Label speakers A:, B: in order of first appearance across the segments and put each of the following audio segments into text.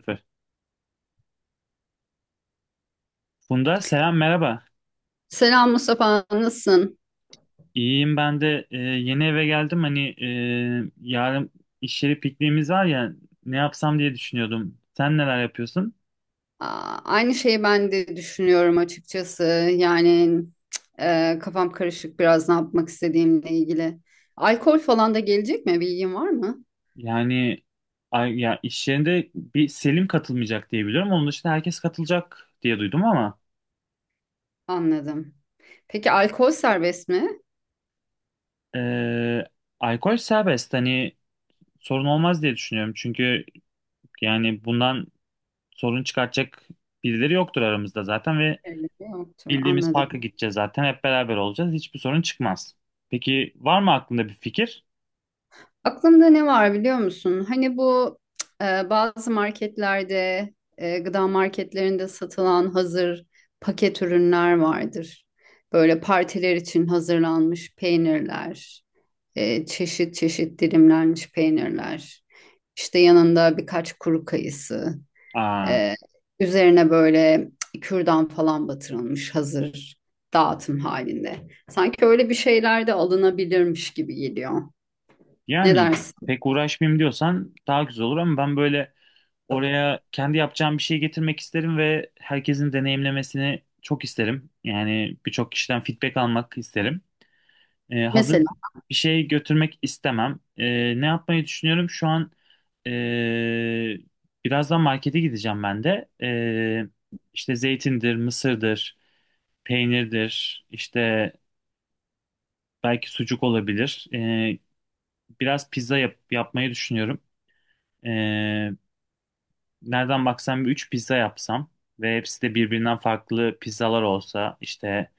A: Süper. Bunda selam merhaba.
B: Selam Mustafa, nasılsın?
A: İyiyim ben de yeni eve geldim. Hani yarın iş yeri pikniğimiz var ya ne yapsam diye düşünüyordum. Sen neler yapıyorsun?
B: Aa, aynı şeyi ben de düşünüyorum açıkçası. Yani kafam karışık biraz ne yapmak istediğimle ilgili. Alkol falan da gelecek mi? Bilgin var mı?
A: Yani ay, ya iş yerinde bir Selim katılmayacak diye biliyorum. Onun dışında herkes katılacak diye duydum ama
B: Anladım. Peki alkol serbest mi?
A: e, alkol serbest. Hani sorun olmaz diye düşünüyorum. Çünkü yani bundan sorun çıkartacak birileri yoktur aramızda zaten ve
B: Evet, yoktur.
A: bildiğimiz
B: Anladım.
A: parka gideceğiz zaten. Hep beraber olacağız. Hiçbir sorun çıkmaz. Peki var mı aklında bir fikir?
B: Aklımda ne var biliyor musun? Hani bu bazı marketlerde, gıda marketlerinde satılan hazır paket ürünler vardır. Böyle partiler için hazırlanmış peynirler, çeşit çeşit dilimlenmiş peynirler. İşte yanında birkaç kuru kayısı,
A: Aa,
B: e, üzerine böyle kürdan falan batırılmış hazır dağıtım halinde. Sanki öyle bir şeyler de alınabilirmiş gibi geliyor. Ne
A: yani
B: dersin?
A: pek uğraşmayayım diyorsan daha güzel olur ama ben böyle oraya kendi yapacağım bir şey getirmek isterim ve herkesin deneyimlemesini çok isterim. Yani birçok kişiden feedback almak isterim. Hazır
B: Mesela.
A: bir şey götürmek istemem. Ne yapmayı düşünüyorum? Şu an ee, birazdan markete gideceğim ben de. İşte zeytindir, mısırdır, peynirdir, işte belki sucuk olabilir. Biraz yapmayı düşünüyorum. Ee, nereden baksam bir 3 pizza yapsam ve hepsi de birbirinden farklı pizzalar olsa işte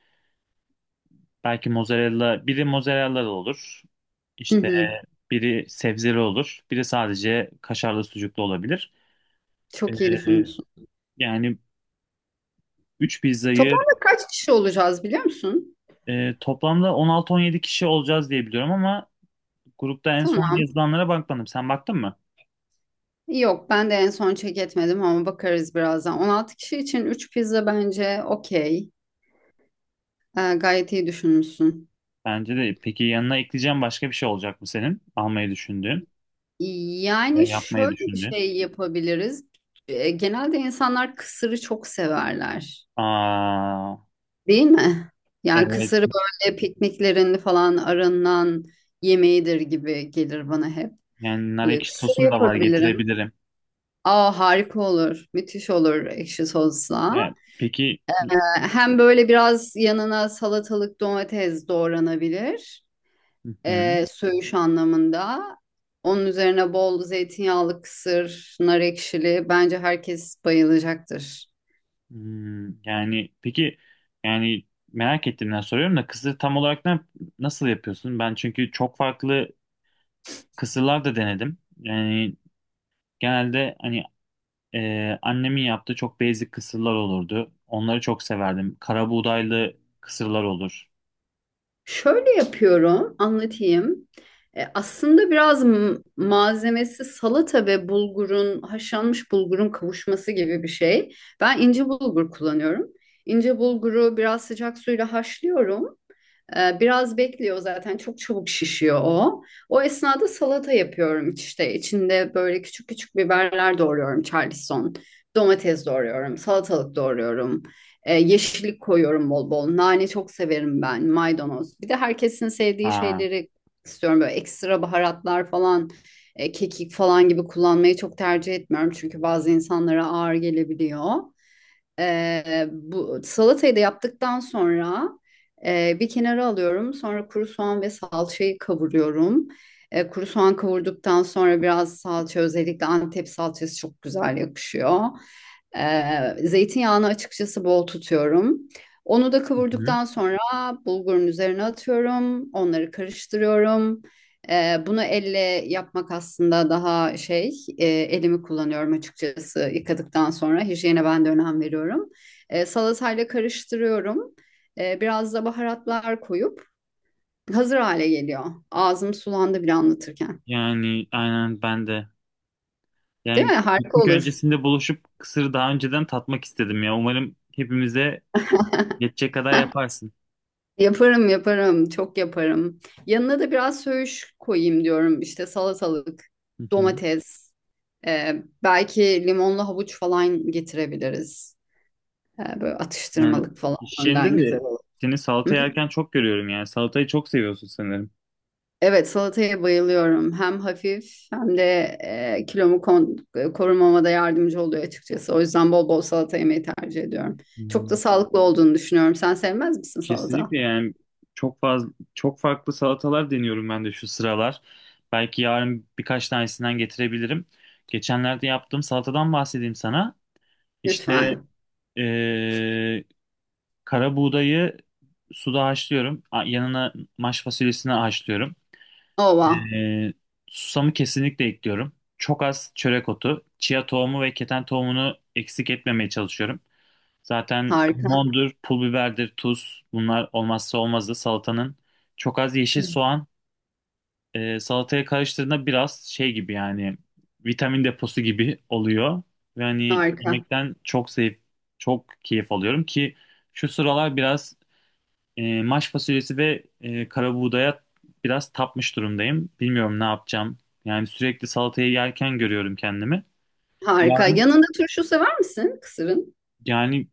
A: belki mozzarella, biri mozzarella olur.
B: Hı
A: İşte
B: hı.
A: biri sebzeli olur, biri sadece kaşarlı sucuklu olabilir.
B: Çok iyi
A: Ee,
B: düşünmüşsün.
A: yani 3 pizzayı
B: Toplamda kaç kişi olacağız biliyor musun?
A: toplamda on altı on yedi kişi olacağız diye biliyorum ama grupta en son
B: Tamam.
A: yazılanlara bakmadım. Sen baktın mı?
B: Yok ben de en son check etmedim ama bakarız birazdan. 16 kişi için 3 pizza bence okey. Gayet iyi düşünmüşsün.
A: Bence de. Peki yanına ekleyeceğim başka bir şey olacak mı senin? Almayı düşündüğün veya
B: Yani
A: yapmayı
B: şöyle bir
A: düşündüğün.
B: şey yapabiliriz. Genelde insanlar kısırı çok severler.
A: Aa,
B: Değil mi? Yani
A: evet.
B: kısırı böyle pikniklerin falan arınan yemeğidir gibi gelir bana hep.
A: Yani nar
B: Böyle
A: ekşi
B: kısır
A: sosum da var,
B: yapabilirim.
A: getirebilirim.
B: Aa, harika olur. Müthiş olur ekşi
A: Yani,
B: sosla.
A: peki, hı
B: Hem böyle biraz yanına salatalık domates doğranabilir.
A: hı.
B: Söğüş anlamında. Onun üzerine bol zeytinyağlı kısır, nar ekşili. Bence herkes bayılacaktır.
A: Hmm, yani peki yani merak ettiğimden soruyorum da kısır tam olarak ne, nasıl yapıyorsun? Ben çünkü çok farklı kısırlar da denedim. Yani genelde hani annemin yaptığı çok basic kısırlar olurdu. Onları çok severdim. Kara buğdaylı kısırlar olur.
B: Şöyle yapıyorum, anlatayım. Aslında biraz malzemesi salata ve bulgurun, haşlanmış bulgurun kavuşması gibi bir şey. Ben ince bulgur kullanıyorum. İnce bulguru biraz sıcak suyla haşlıyorum. Biraz bekliyor zaten çok çabuk şişiyor o. O esnada salata yapıyorum, işte içinde böyle küçük küçük biberler doğruyorum Charleston. Domates doğruyorum, salatalık doğruyorum. Yeşillik koyuyorum bol bol. Nane çok severim ben, maydanoz. Bir de herkesin sevdiği
A: Aa,
B: şeyleri istiyorum böyle ekstra baharatlar falan, kekik falan gibi kullanmayı çok tercih etmiyorum. Çünkü bazı insanlara ağır gelebiliyor. Bu salatayı da yaptıktan sonra bir kenara alıyorum. Sonra kuru soğan ve salçayı kavuruyorum. Kuru soğan kavurduktan sonra biraz salça, özellikle Antep salçası çok güzel yakışıyor. Zeytinyağını açıkçası bol tutuyorum. Onu da
A: hı.
B: kavurduktan sonra bulgurun üzerine atıyorum. Onları karıştırıyorum. Bunu elle yapmak aslında daha şey, elimi kullanıyorum açıkçası yıkadıktan sonra. Hijyene ben de önem veriyorum. Salatayla karıştırıyorum. Biraz da baharatlar koyup hazır hale geliyor. Ağzım sulandı bile anlatırken.
A: Yani aynen ben de.
B: Değil
A: Yani
B: mi? Harika
A: piknik
B: olur.
A: öncesinde buluşup kısırı daha önceden tatmak istedim ya. Umarım hepimize yetecek kadar yaparsın.
B: Yaparım, çok yaparım. Yanına da biraz söğüş koyayım diyorum. İşte salatalık,
A: Hı hı.
B: domates, belki limonlu havuç falan getirebiliriz. Böyle
A: Yani
B: atıştırmalık falan
A: iş yerinde
B: önden
A: de
B: güzel olur.
A: seni
B: Hı
A: salata
B: hı.
A: yerken çok görüyorum yani. Salatayı çok seviyorsun sanırım.
B: Evet, salataya bayılıyorum. Hem hafif hem de e, kilomu kon- korumama da yardımcı oluyor açıkçası. O yüzden bol bol salata yemeyi tercih ediyorum. Çok
A: Hı.
B: da sağlıklı olduğunu düşünüyorum. Sen sevmez misin salata?
A: Kesinlikle yani çok fazla, çok farklı salatalar deniyorum ben de şu sıralar. Belki yarın birkaç tanesinden getirebilirim. Geçenlerde yaptığım salatadan bahsedeyim sana. İşte
B: Lütfen.
A: eee, kara buğdayı suda haşlıyorum. Yanına maş fasulyesini haşlıyorum.
B: Ova.
A: Ee, susamı kesinlikle ekliyorum. Çok az çörek otu, chia tohumu ve keten tohumunu eksik etmemeye çalışıyorum. Zaten
B: Harika.
A: mondur, pul biberdir, tuz, bunlar olmazsa olmazdı salatanın. Çok az yeşil
B: Hı.
A: soğan salataya karıştırdığında biraz şey gibi, yani vitamin deposu gibi oluyor. Ve hani
B: Harika.
A: yemekten çok zevk, çok keyif alıyorum ki şu sıralar biraz maş fasulyesi ve karabuğdaya biraz tapmış durumdayım. Bilmiyorum ne yapacağım. Yani sürekli salatayı yerken görüyorum kendimi.
B: Harika.
A: Yarın
B: Yanında turşu sever misin kısırın?
A: yani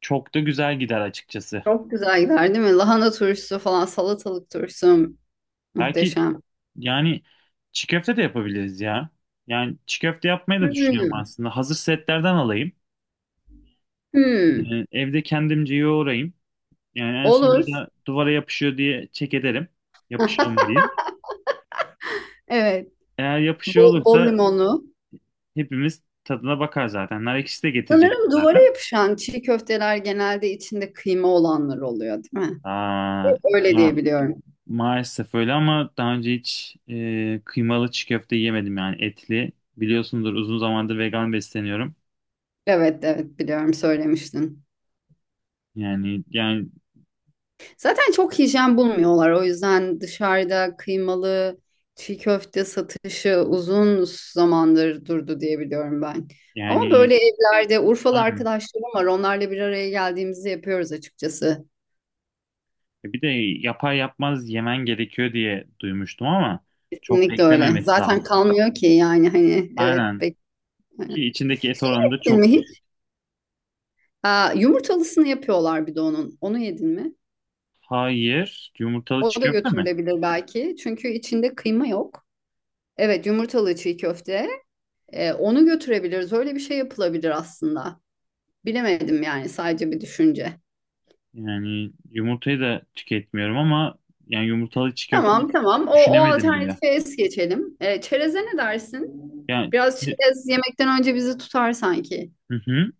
A: çok da güzel gider açıkçası.
B: Çok güzel gider, değil mi? Lahana turşusu falan, salatalık turşusu
A: Belki
B: muhteşem.
A: yani çiğ köfte de yapabiliriz ya. Yani çiğ köfte yapmayı da düşünüyorum
B: Hmm.
A: aslında. Hazır setlerden alayım.
B: Hmm.
A: E, evde kendimce yoğurayım. Yani en sonunda
B: Olur.
A: da duvara yapışıyor diye çek ederim. Yapışıyor mu diye.
B: Evet.
A: Eğer yapışıyor
B: Bol, bol
A: olursa
B: limonlu.
A: hepimiz tadına bakar zaten. Nar ekşisi de getirecek
B: Sanırım duvara
A: zaten.
B: yapışan çiğ köfteler genelde içinde kıyma olanlar oluyor, değil mi?
A: Aa,
B: Öyle diye
A: ya
B: biliyorum.
A: maalesef öyle ama daha önce hiç kıymalı çiğ köfte yemedim yani etli. Biliyorsundur, uzun zamandır vegan besleniyorum.
B: Evet, evet biliyorum, söylemiştin.
A: Yani yani
B: Zaten çok hijyen bulmuyorlar. O yüzden dışarıda kıymalı çiğ köfte satışı uzun zamandır durdu diye biliyorum ben. Ama
A: yani
B: böyle evlerde Urfalı
A: aynen.
B: arkadaşlarım var. Onlarla bir araya geldiğimizde yapıyoruz açıkçası.
A: E, bir de yapar yapmaz yemen gerekiyor diye duymuştum ama çok
B: Kesinlikle öyle.
A: beklememesi
B: Zaten
A: lazım.
B: kalmıyor ki, yani hani evet
A: Aynen,
B: Bek.
A: ki içindeki et oranı da
B: Ettin
A: çok
B: mi?
A: düşük.
B: Aa, yumurtalısını yapıyorlar bir de onun. Onu yedin mi?
A: Hayır, yumurtalı çiğ
B: O da
A: köfte mi?
B: götürülebilir belki. Çünkü içinde kıyma yok. Evet, yumurtalı çiğ köfte. Onu götürebiliriz. Öyle bir şey yapılabilir aslında. Bilemedim, yani sadece bir düşünce.
A: Yani yumurtayı da tüketmiyorum ama yani yumurtalı çiğ köfte
B: Tamam
A: hiç
B: tamam. O
A: düşünemedim bile.
B: alternatife es geçelim. Çereze ne dersin?
A: Yani
B: Biraz çerez yemekten önce bizi tutar sanki.
A: hı hı.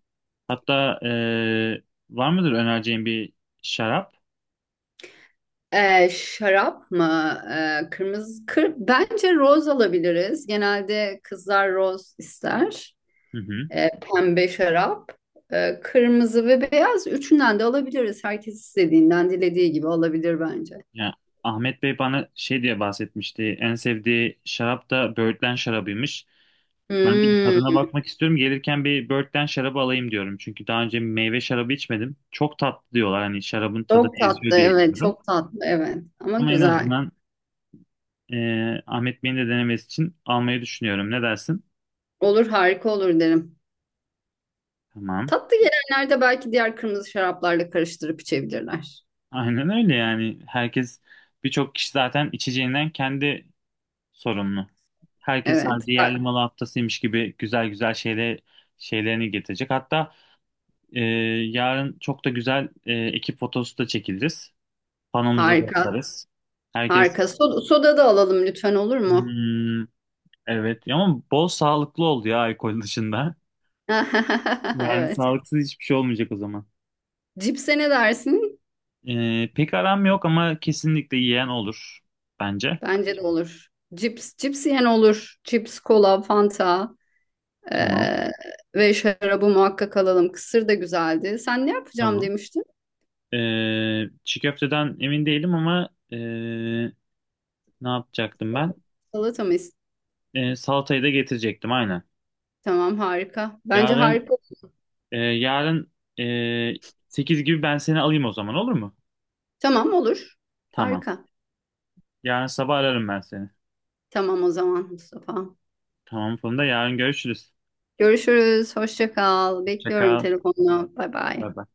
A: Hatta var mıdır önereceğin bir şarap?
B: Şarap mı? Kırmızı kır. Bence roz alabiliriz. Genelde kızlar roz ister.
A: Hı hı.
B: Pembe şarap, kırmızı ve beyaz. Üçünden de alabiliriz. Herkes istediğinden, dilediği gibi alabilir bence.
A: Ya, Ahmet Bey bana şey diye bahsetmişti. En sevdiği şarap da böğürtlen şarabıymış. Ben de bir
B: Hmm,
A: tadına bakmak istiyorum. Gelirken bir böğürtlen şarabı alayım diyorum. Çünkü daha önce meyve şarabı içmedim. Çok tatlı diyorlar. Hani şarabın tadı
B: çok
A: eziyor
B: tatlı,
A: diye
B: evet,
A: biliyorum.
B: çok tatlı, evet. Ama
A: Ama en
B: güzel.
A: azından Ahmet Bey'in de denemesi için almayı düşünüyorum. Ne dersin?
B: Olur, harika olur derim.
A: Tamam.
B: Tatlı gelenlerde belki diğer kırmızı şaraplarla karıştırıp içebilirler.
A: Aynen öyle yani. Herkes, birçok kişi zaten içeceğinden kendi sorumlu. Herkes
B: Evet,
A: sanki yerli malı haftasıymış gibi güzel güzel şeylerini getirecek. Hatta e, yarın çok da güzel ekip fotosu da çekiliriz. Panomuza da
B: harika,
A: asarız. Herkes.
B: harika. Soda, soda da alalım lütfen, olur mu?
A: Hmm, evet, ama bol sağlıklı oldu ya, alkol dışında. Yani
B: Evet.
A: sağlıksız hiçbir şey olmayacak o zaman.
B: Cipse ne dersin?
A: E, pek aram yok ama kesinlikle yiyen olur bence.
B: Bence de olur. Cips, cips yiyen olur. Cips, kola, fanta.
A: Tamam.
B: Ee, ve şarabı muhakkak alalım. Kısır da güzeldi. Sen ne yapacağım
A: Tamam.
B: demiştin?
A: E, çiğ köfteden emin değilim ama e, ne yapacaktım ben?
B: Salata mı?
A: E, salatayı da getirecektim aynen.
B: Tamam harika. Bence
A: Yarın
B: harika.
A: yarın e, 8 gibi ben seni alayım o zaman, olur mu?
B: Tamam olur.
A: Tamam.
B: Harika.
A: Yarın sabah ararım ben seni.
B: Tamam o zaman Mustafa.
A: Tamam Funda, yarın görüşürüz.
B: Görüşürüz. Hoşça kal.
A: Hoşça
B: Bekliyorum
A: kal.
B: telefonla. Bay
A: Bye
B: bay.
A: bye.